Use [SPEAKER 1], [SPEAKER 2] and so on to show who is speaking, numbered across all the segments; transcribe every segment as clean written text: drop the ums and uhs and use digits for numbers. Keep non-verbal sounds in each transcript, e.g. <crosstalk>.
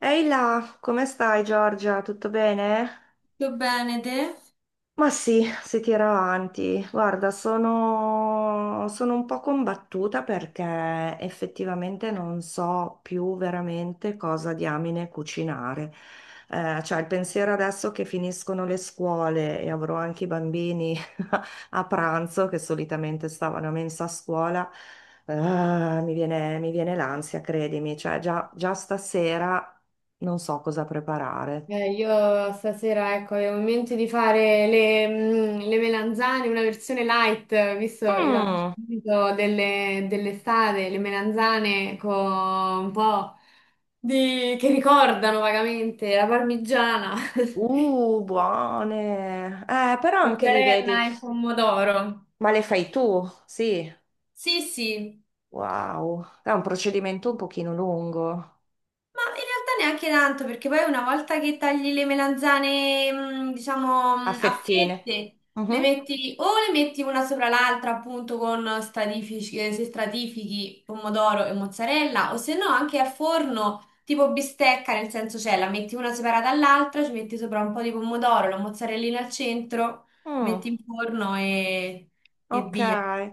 [SPEAKER 1] Ehi là, come stai Giorgia? Tutto bene?
[SPEAKER 2] Tutto bene, te?
[SPEAKER 1] Ma sì, si tira avanti. Guarda, sono un po' combattuta perché effettivamente non so più veramente cosa diamine cucinare. Cioè, il pensiero adesso che finiscono le scuole e avrò anche i bambini a pranzo, che solitamente stavano a mensa a scuola, mi viene l'ansia, credimi. Cioè, già stasera non so cosa preparare.
[SPEAKER 2] Io stasera, ecco, avevo in mente di fare le melanzane, una versione light, visto
[SPEAKER 1] Mm.
[SPEAKER 2] l'abbinamento delle, dell'estate, le melanzane con un po' di... che ricordano vagamente la parmigiana, <laughs>
[SPEAKER 1] Buone. Però anche lì
[SPEAKER 2] mozzarella
[SPEAKER 1] vedi,
[SPEAKER 2] e pomodoro.
[SPEAKER 1] ma le fai tu? Sì.
[SPEAKER 2] Sì, sì.
[SPEAKER 1] Wow. È un procedimento un pochino lungo.
[SPEAKER 2] Ma in realtà neanche tanto, perché poi una volta che tagli le melanzane, diciamo,
[SPEAKER 1] A
[SPEAKER 2] a
[SPEAKER 1] fettine.
[SPEAKER 2] fette, le
[SPEAKER 1] Mhm.
[SPEAKER 2] metti o le metti una sopra l'altra, appunto, con stratifici, se stratifichi pomodoro e mozzarella, o se no anche al forno, tipo bistecca, nel senso cioè la metti una separata dall'altra, ci metti sopra un po' di pomodoro, la mozzarellina al centro,
[SPEAKER 1] Mm.
[SPEAKER 2] metti in forno e
[SPEAKER 1] Ok,
[SPEAKER 2] via.
[SPEAKER 1] io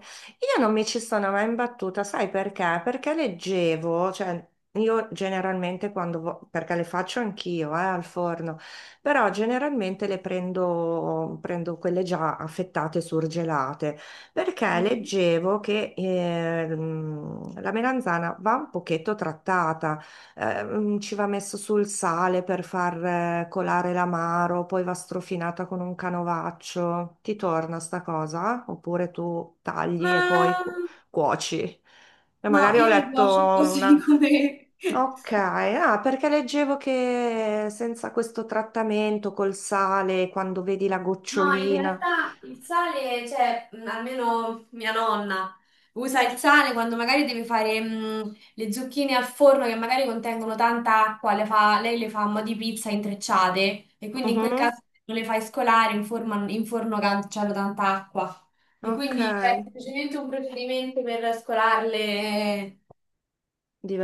[SPEAKER 1] non mi ci sono mai imbattuta, sai perché? Perché leggevo, cioè io generalmente perché le faccio anch'io, al forno, però generalmente prendo quelle già affettate, surgelate, perché
[SPEAKER 2] Mhm.
[SPEAKER 1] leggevo che la melanzana va un pochetto trattata. Ci va messo sul sale per far colare l'amaro, poi va strofinata con un canovaccio. Ti torna sta cosa? Oppure tu tagli
[SPEAKER 2] Ma
[SPEAKER 1] e poi
[SPEAKER 2] mm,
[SPEAKER 1] cuoci? E
[SPEAKER 2] no,
[SPEAKER 1] magari ho
[SPEAKER 2] io le
[SPEAKER 1] letto
[SPEAKER 2] cuocio così
[SPEAKER 1] una...
[SPEAKER 2] <laughs> come...
[SPEAKER 1] Ok, ah, perché leggevo che senza questo trattamento col sale, quando vedi la
[SPEAKER 2] No, in
[SPEAKER 1] gocciolina...
[SPEAKER 2] realtà il sale, cioè, almeno mia nonna usa il sale quando magari deve fare le zucchine al forno che magari contengono tanta acqua, le fa- lei le fa a mo' di pizza intrecciate e quindi in quel
[SPEAKER 1] Mhm.
[SPEAKER 2] caso non le fai scolare in, forma- in forno che c'hanno tanta acqua. E
[SPEAKER 1] Ok,
[SPEAKER 2] quindi c'è semplicemente un procedimento per scolarle,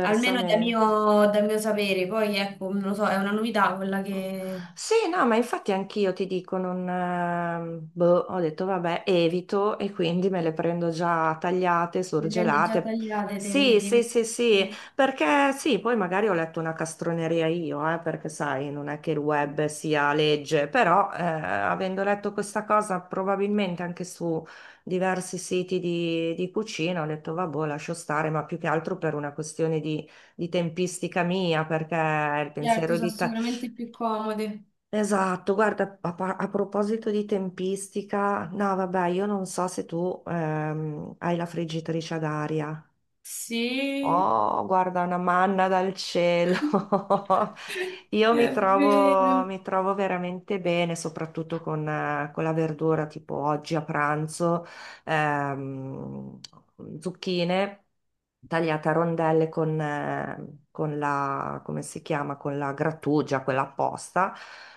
[SPEAKER 2] almeno da mio, dal mio sapere. Poi ecco, non lo so, è una novità quella che
[SPEAKER 1] Sì, no, ma infatti anch'io ti dico, non, boh, ho detto vabbè, evito e quindi me le prendo già tagliate,
[SPEAKER 2] le prendi già
[SPEAKER 1] surgelate.
[SPEAKER 2] tagliate, te
[SPEAKER 1] Sì,
[SPEAKER 2] vedi.
[SPEAKER 1] sì, sì, sì,
[SPEAKER 2] Mm.
[SPEAKER 1] perché sì, poi magari ho letto una castroneria io, perché sai, non è che il web sia legge, però avendo letto questa cosa probabilmente anche su diversi siti di cucina, ho detto vabbè, boh, lascio stare, ma più che altro per una questione di tempistica mia, perché il
[SPEAKER 2] Certo,
[SPEAKER 1] pensiero
[SPEAKER 2] sono
[SPEAKER 1] di... ta-
[SPEAKER 2] sicuramente più comode.
[SPEAKER 1] Esatto, guarda, a proposito di tempistica, no, vabbè, io non so se tu hai la friggitrice ad aria.
[SPEAKER 2] Sì,
[SPEAKER 1] Oh, guarda, una manna dal cielo. <laughs>
[SPEAKER 2] <laughs>
[SPEAKER 1] Io mi
[SPEAKER 2] è
[SPEAKER 1] trovo,
[SPEAKER 2] vero.
[SPEAKER 1] mi trovo veramente bene, soprattutto con la verdura, tipo oggi a pranzo, ehm, zucchine tagliata a rondelle con la, come si chiama, con la grattugia, quella apposta,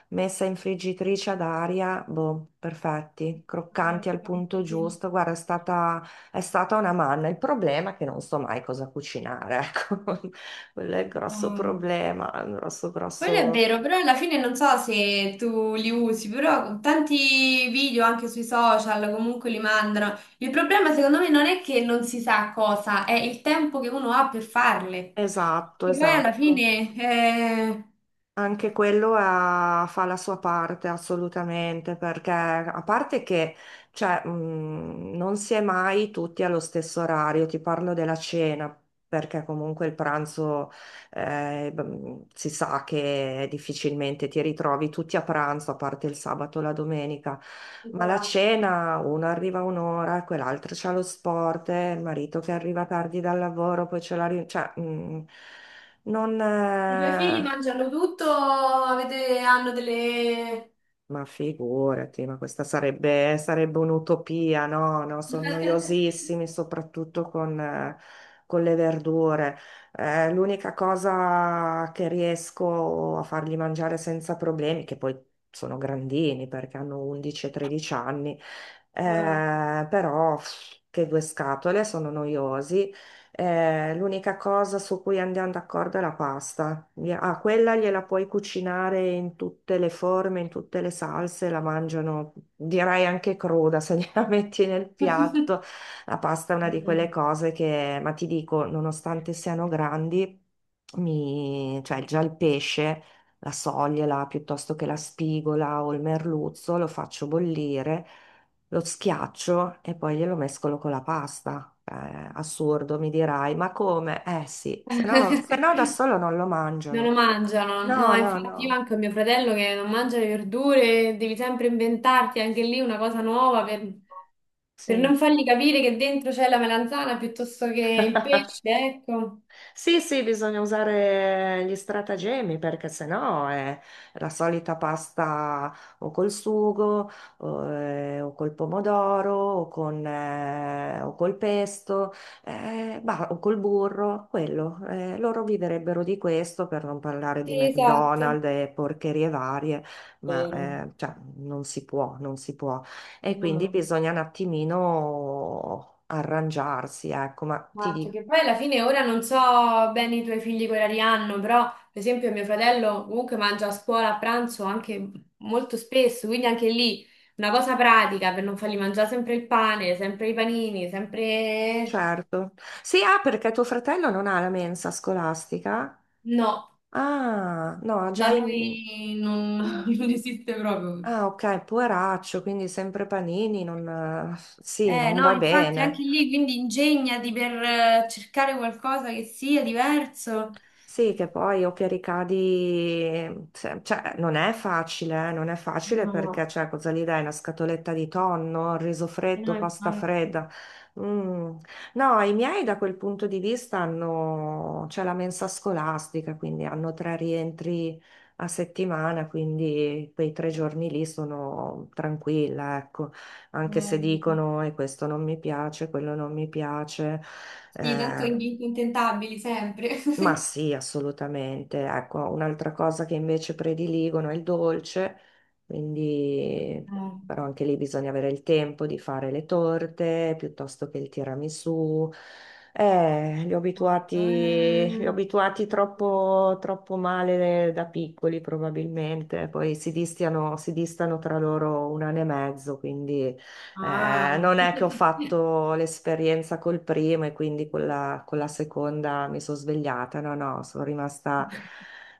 [SPEAKER 1] messa in friggitrice ad aria, boh, perfetti, croccanti al punto
[SPEAKER 2] Sì.
[SPEAKER 1] giusto. Guarda, è stata una manna. Il problema è che non so mai cosa cucinare, ecco. <laughs> Quello è il grosso
[SPEAKER 2] Um,
[SPEAKER 1] problema, il
[SPEAKER 2] Quello è
[SPEAKER 1] grosso...
[SPEAKER 2] vero, però alla fine non so se tu li usi, però tanti video anche sui social comunque li mandano. Il problema secondo me non è che non si sa cosa, è il tempo che uno ha per farle.
[SPEAKER 1] Esatto,
[SPEAKER 2] E poi alla
[SPEAKER 1] esatto.
[SPEAKER 2] fine
[SPEAKER 1] Anche fa la sua parte assolutamente, perché a parte che cioè, non si è mai tutti allo stesso orario, ti parlo della cena, perché comunque il pranzo si sa che difficilmente ti ritrovi tutti a pranzo, a parte il sabato e la domenica, ma la cena uno arriva a un'ora, quell'altro c'ha lo sport, il marito che arriva tardi dal lavoro, poi c'è la riunione, cioè non...
[SPEAKER 2] i tuoi figli mangiano tutto, avete- hanno delle...
[SPEAKER 1] ma figurati, ma sarebbe un'utopia, no? No, sono noiosissimi, soprattutto con le verdure. L'unica cosa che riesco a fargli mangiare senza problemi, che poi sono grandini perché hanno 11 e 13 anni,
[SPEAKER 2] Ah.
[SPEAKER 1] però pff, che due scatole, sono noiosi l'unica cosa su cui andiamo d'accordo è la pasta. Ah, quella gliela puoi cucinare in tutte le forme, in tutte le salse, la mangiano, direi anche cruda se gliela <laughs> metti nel piatto.
[SPEAKER 2] <laughs>
[SPEAKER 1] La pasta è una di quelle
[SPEAKER 2] Mm.
[SPEAKER 1] cose che, ma ti dico, nonostante siano grandi, mi, cioè già il pesce, la soglia piuttosto che la spigola o il merluzzo, lo faccio bollire lo schiaccio e poi glielo mescolo con la pasta. Assurdo, mi dirai, ma come? Eh sì, se no da solo non lo
[SPEAKER 2] Non lo
[SPEAKER 1] mangiano.
[SPEAKER 2] mangiano, no,
[SPEAKER 1] No, no,
[SPEAKER 2] infatti io
[SPEAKER 1] no.
[SPEAKER 2] anche ho mio fratello che non mangia le verdure, devi sempre inventarti anche lì una cosa nuova per
[SPEAKER 1] Sì.
[SPEAKER 2] non fargli capire che dentro c'è la melanzana piuttosto che il pesce, ecco.
[SPEAKER 1] Sì, sì, bisogna usare gli stratagemmi perché sennò è la solita pasta o col sugo o col pomodoro o col pesto bah, o col burro, quello. Loro viverebbero di questo per non parlare di
[SPEAKER 2] Sì, esatto.
[SPEAKER 1] McDonald's e porcherie varie, ma
[SPEAKER 2] Vero.
[SPEAKER 1] cioè, non si può. E
[SPEAKER 2] No,
[SPEAKER 1] quindi
[SPEAKER 2] no.
[SPEAKER 1] bisogna un attimino arrangiarsi, ecco, ma ti
[SPEAKER 2] Esatto,
[SPEAKER 1] dico
[SPEAKER 2] che poi alla fine ora non so bene i tuoi figli che orari hanno, però per esempio mio fratello comunque mangia a scuola a pranzo anche molto spesso, quindi anche lì una cosa pratica per non fargli mangiare sempre il pane, sempre i panini, sempre...
[SPEAKER 1] certo. Sì, ah, perché tuo fratello non ha la mensa scolastica?
[SPEAKER 2] No,
[SPEAKER 1] Ah, no, ha già...
[SPEAKER 2] da
[SPEAKER 1] i-
[SPEAKER 2] noi non, <laughs> non esiste proprio.
[SPEAKER 1] Ah, ok, poveraccio, quindi sempre panini, non... Sì,
[SPEAKER 2] Eh
[SPEAKER 1] non
[SPEAKER 2] no,
[SPEAKER 1] va
[SPEAKER 2] infatti anche
[SPEAKER 1] bene.
[SPEAKER 2] lì quindi ingegnati per cercare qualcosa che sia diverso.
[SPEAKER 1] Sì, che poi o che ricadi, cioè non è facile, non è facile perché
[SPEAKER 2] No,
[SPEAKER 1] cioè, cosa gli dai? Una scatoletta di tonno, riso freddo,
[SPEAKER 2] no,
[SPEAKER 1] pasta
[SPEAKER 2] infatti.
[SPEAKER 1] fredda. Mm. No, i miei da quel punto di vista hanno, c'è la mensa scolastica, quindi hanno tre rientri a settimana, quindi quei tre giorni lì sono tranquilla, ecco, anche se
[SPEAKER 2] Eh,
[SPEAKER 1] dicono e questo non mi piace, quello non mi piace.
[SPEAKER 2] Sì, tanto
[SPEAKER 1] Eh,
[SPEAKER 2] in- intentabili sempre. <laughs>
[SPEAKER 1] ma sì, assolutamente. Ecco, un'altra cosa che invece prediligono è il dolce, quindi
[SPEAKER 2] Eh,
[SPEAKER 1] però anche lì bisogna avere il tempo di fare le torte piuttosto che il tiramisù. Eh, li ho abituati,
[SPEAKER 2] guarda,
[SPEAKER 1] li ho
[SPEAKER 2] eh.
[SPEAKER 1] abituati troppo, troppo male da piccoli probabilmente, poi si distano tra loro un anno e mezzo, quindi
[SPEAKER 2] Ah,
[SPEAKER 1] non è che ho
[SPEAKER 2] <laughs>
[SPEAKER 1] fatto l'esperienza col primo e quindi con la seconda mi sono svegliata, no, no, sono rimasta,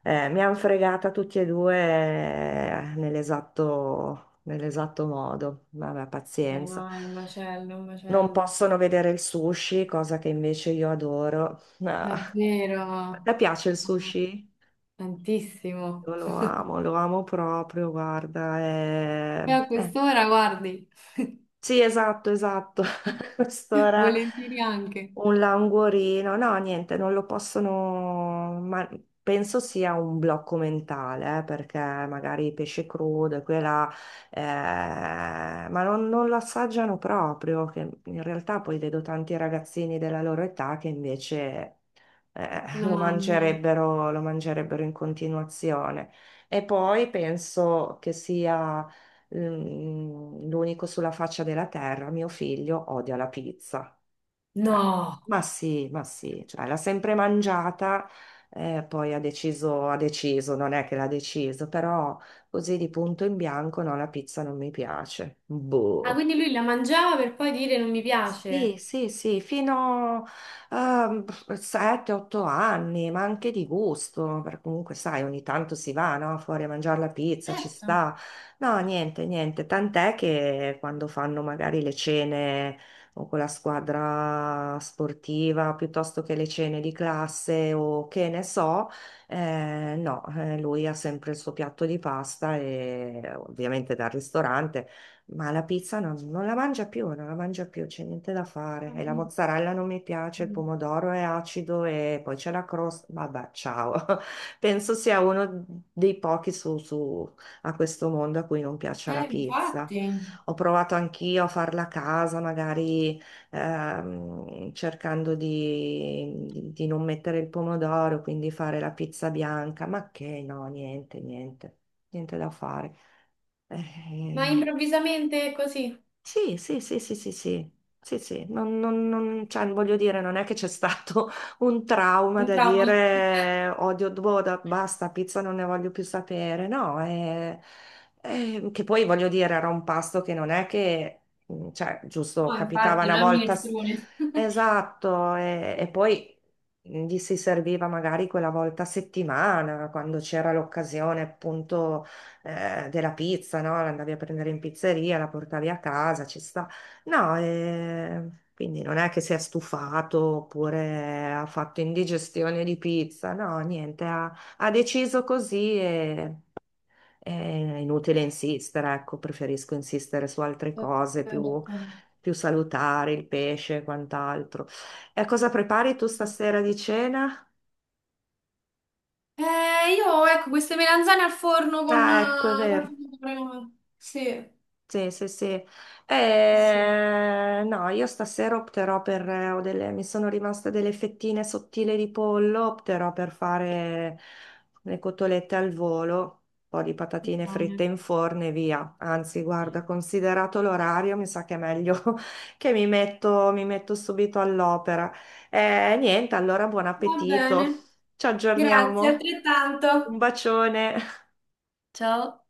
[SPEAKER 1] mi hanno fregata tutti e due nell'esatto modo, vabbè, pazienza.
[SPEAKER 2] no, è un macello, un
[SPEAKER 1] Non
[SPEAKER 2] macello.
[SPEAKER 1] possono vedere il sushi, cosa che invece io adoro. <laughs> Ah,
[SPEAKER 2] Davvero,
[SPEAKER 1] a te piace il
[SPEAKER 2] no,
[SPEAKER 1] sushi?
[SPEAKER 2] tantissimo.
[SPEAKER 1] Io lo amo proprio, guarda.
[SPEAKER 2] E a quest'ora, guardi,
[SPEAKER 1] Sì, esatto, esatto. <laughs> A
[SPEAKER 2] <laughs>
[SPEAKER 1] quest'ora.
[SPEAKER 2] volentieri anche
[SPEAKER 1] Un languorino, no, niente, non lo possono, ma penso sia un blocco mentale, perché magari pesce crudo e quella, ma non, non lo assaggiano proprio, che in realtà poi vedo tanti ragazzini della loro età che invece
[SPEAKER 2] lo mangiano.
[SPEAKER 1] lo mangerebbero in continuazione. E poi penso che sia l'unico sulla faccia della terra, mio figlio odia la pizza. Eh,
[SPEAKER 2] No.
[SPEAKER 1] Ma sì, ma sì, cioè, l'ha sempre mangiata, poi ha deciso, non è che l'ha deciso, però così di punto in bianco no, la pizza non mi piace.
[SPEAKER 2] Ah,
[SPEAKER 1] Boh.
[SPEAKER 2] quindi lui la mangiava per poi dire non mi
[SPEAKER 1] Sì,
[SPEAKER 2] piace.
[SPEAKER 1] sì, sì, fino a 7-8 anni, ma anche di gusto, perché comunque sai, ogni tanto si va, no? Fuori a mangiare la pizza, ci
[SPEAKER 2] Certo.
[SPEAKER 1] sta. No, niente, niente, tant'è che quando fanno magari le cene o con la squadra sportiva, piuttosto che le cene di classe o che ne so, no, lui ha sempre il suo piatto di pasta e ovviamente dal ristorante. Ma la pizza non, non la mangia più, non la mangia più, c'è niente da fare.
[SPEAKER 2] Ah,
[SPEAKER 1] E la
[SPEAKER 2] vedi.
[SPEAKER 1] mozzarella non mi piace, il pomodoro è acido e poi c'è la crosta. Vabbè, ciao. <laughs> Penso sia uno dei pochi a questo mondo a cui non piaccia la pizza.
[SPEAKER 2] Infatti.
[SPEAKER 1] Ho provato anch'io a farla a casa, magari cercando di non mettere il pomodoro, quindi fare la pizza bianca, ma che no, niente, niente, niente da fare.
[SPEAKER 2] Ma
[SPEAKER 1] Eh,
[SPEAKER 2] improvvisamente così.
[SPEAKER 1] sì, sì, sì, sì, sì, sì, sì, sì. Cioè, voglio dire, non è che c'è stato <laughs> un trauma
[SPEAKER 2] Un
[SPEAKER 1] da
[SPEAKER 2] trauma.
[SPEAKER 1] dire odio Doda, basta, pizza non ne voglio più sapere, no, che poi voglio dire, era un pasto che non è che, mm, cioè, giusto,
[SPEAKER 2] No,
[SPEAKER 1] capitava
[SPEAKER 2] infatti, non
[SPEAKER 1] una
[SPEAKER 2] è un
[SPEAKER 1] volta, s-
[SPEAKER 2] minestrone. <laughs>
[SPEAKER 1] esatto, e poi mhmm, gli si serviva magari quella volta a settimana, quando c'era l'occasione, appunto della pizza, no? L'andavi a prendere in pizzeria, la portavi a casa, ci sta. No, quindi non è che si è stufato oppure ha fatto indigestione di pizza, no, niente, ha, ha deciso così e... È inutile insistere, ecco, preferisco insistere su altre cose
[SPEAKER 2] Eh,
[SPEAKER 1] più, più salutari, il pesce e quant'altro. E cosa prepari tu
[SPEAKER 2] sì.
[SPEAKER 1] stasera di cena?
[SPEAKER 2] Io, ecco, queste melanzane al forno con
[SPEAKER 1] Ah, ecco, è vero.
[SPEAKER 2] col pomodoro. Sì,
[SPEAKER 1] Sì, sì, sì.
[SPEAKER 2] sì.
[SPEAKER 1] No, io stasera opterò per, ho delle, mi sono rimaste delle fettine sottili di pollo, opterò per fare le cotolette al volo, un po' di patatine
[SPEAKER 2] Va
[SPEAKER 1] fritte
[SPEAKER 2] bene.
[SPEAKER 1] in forno e via. Anzi, guarda, considerato l'orario, mi sa che è meglio <laughs> che mi metto subito all'opera. Niente, allora buon
[SPEAKER 2] Va
[SPEAKER 1] appetito.
[SPEAKER 2] bene.
[SPEAKER 1] Ci
[SPEAKER 2] Grazie,
[SPEAKER 1] aggiorniamo. Un
[SPEAKER 2] altrettanto.
[SPEAKER 1] bacione.
[SPEAKER 2] Ciao.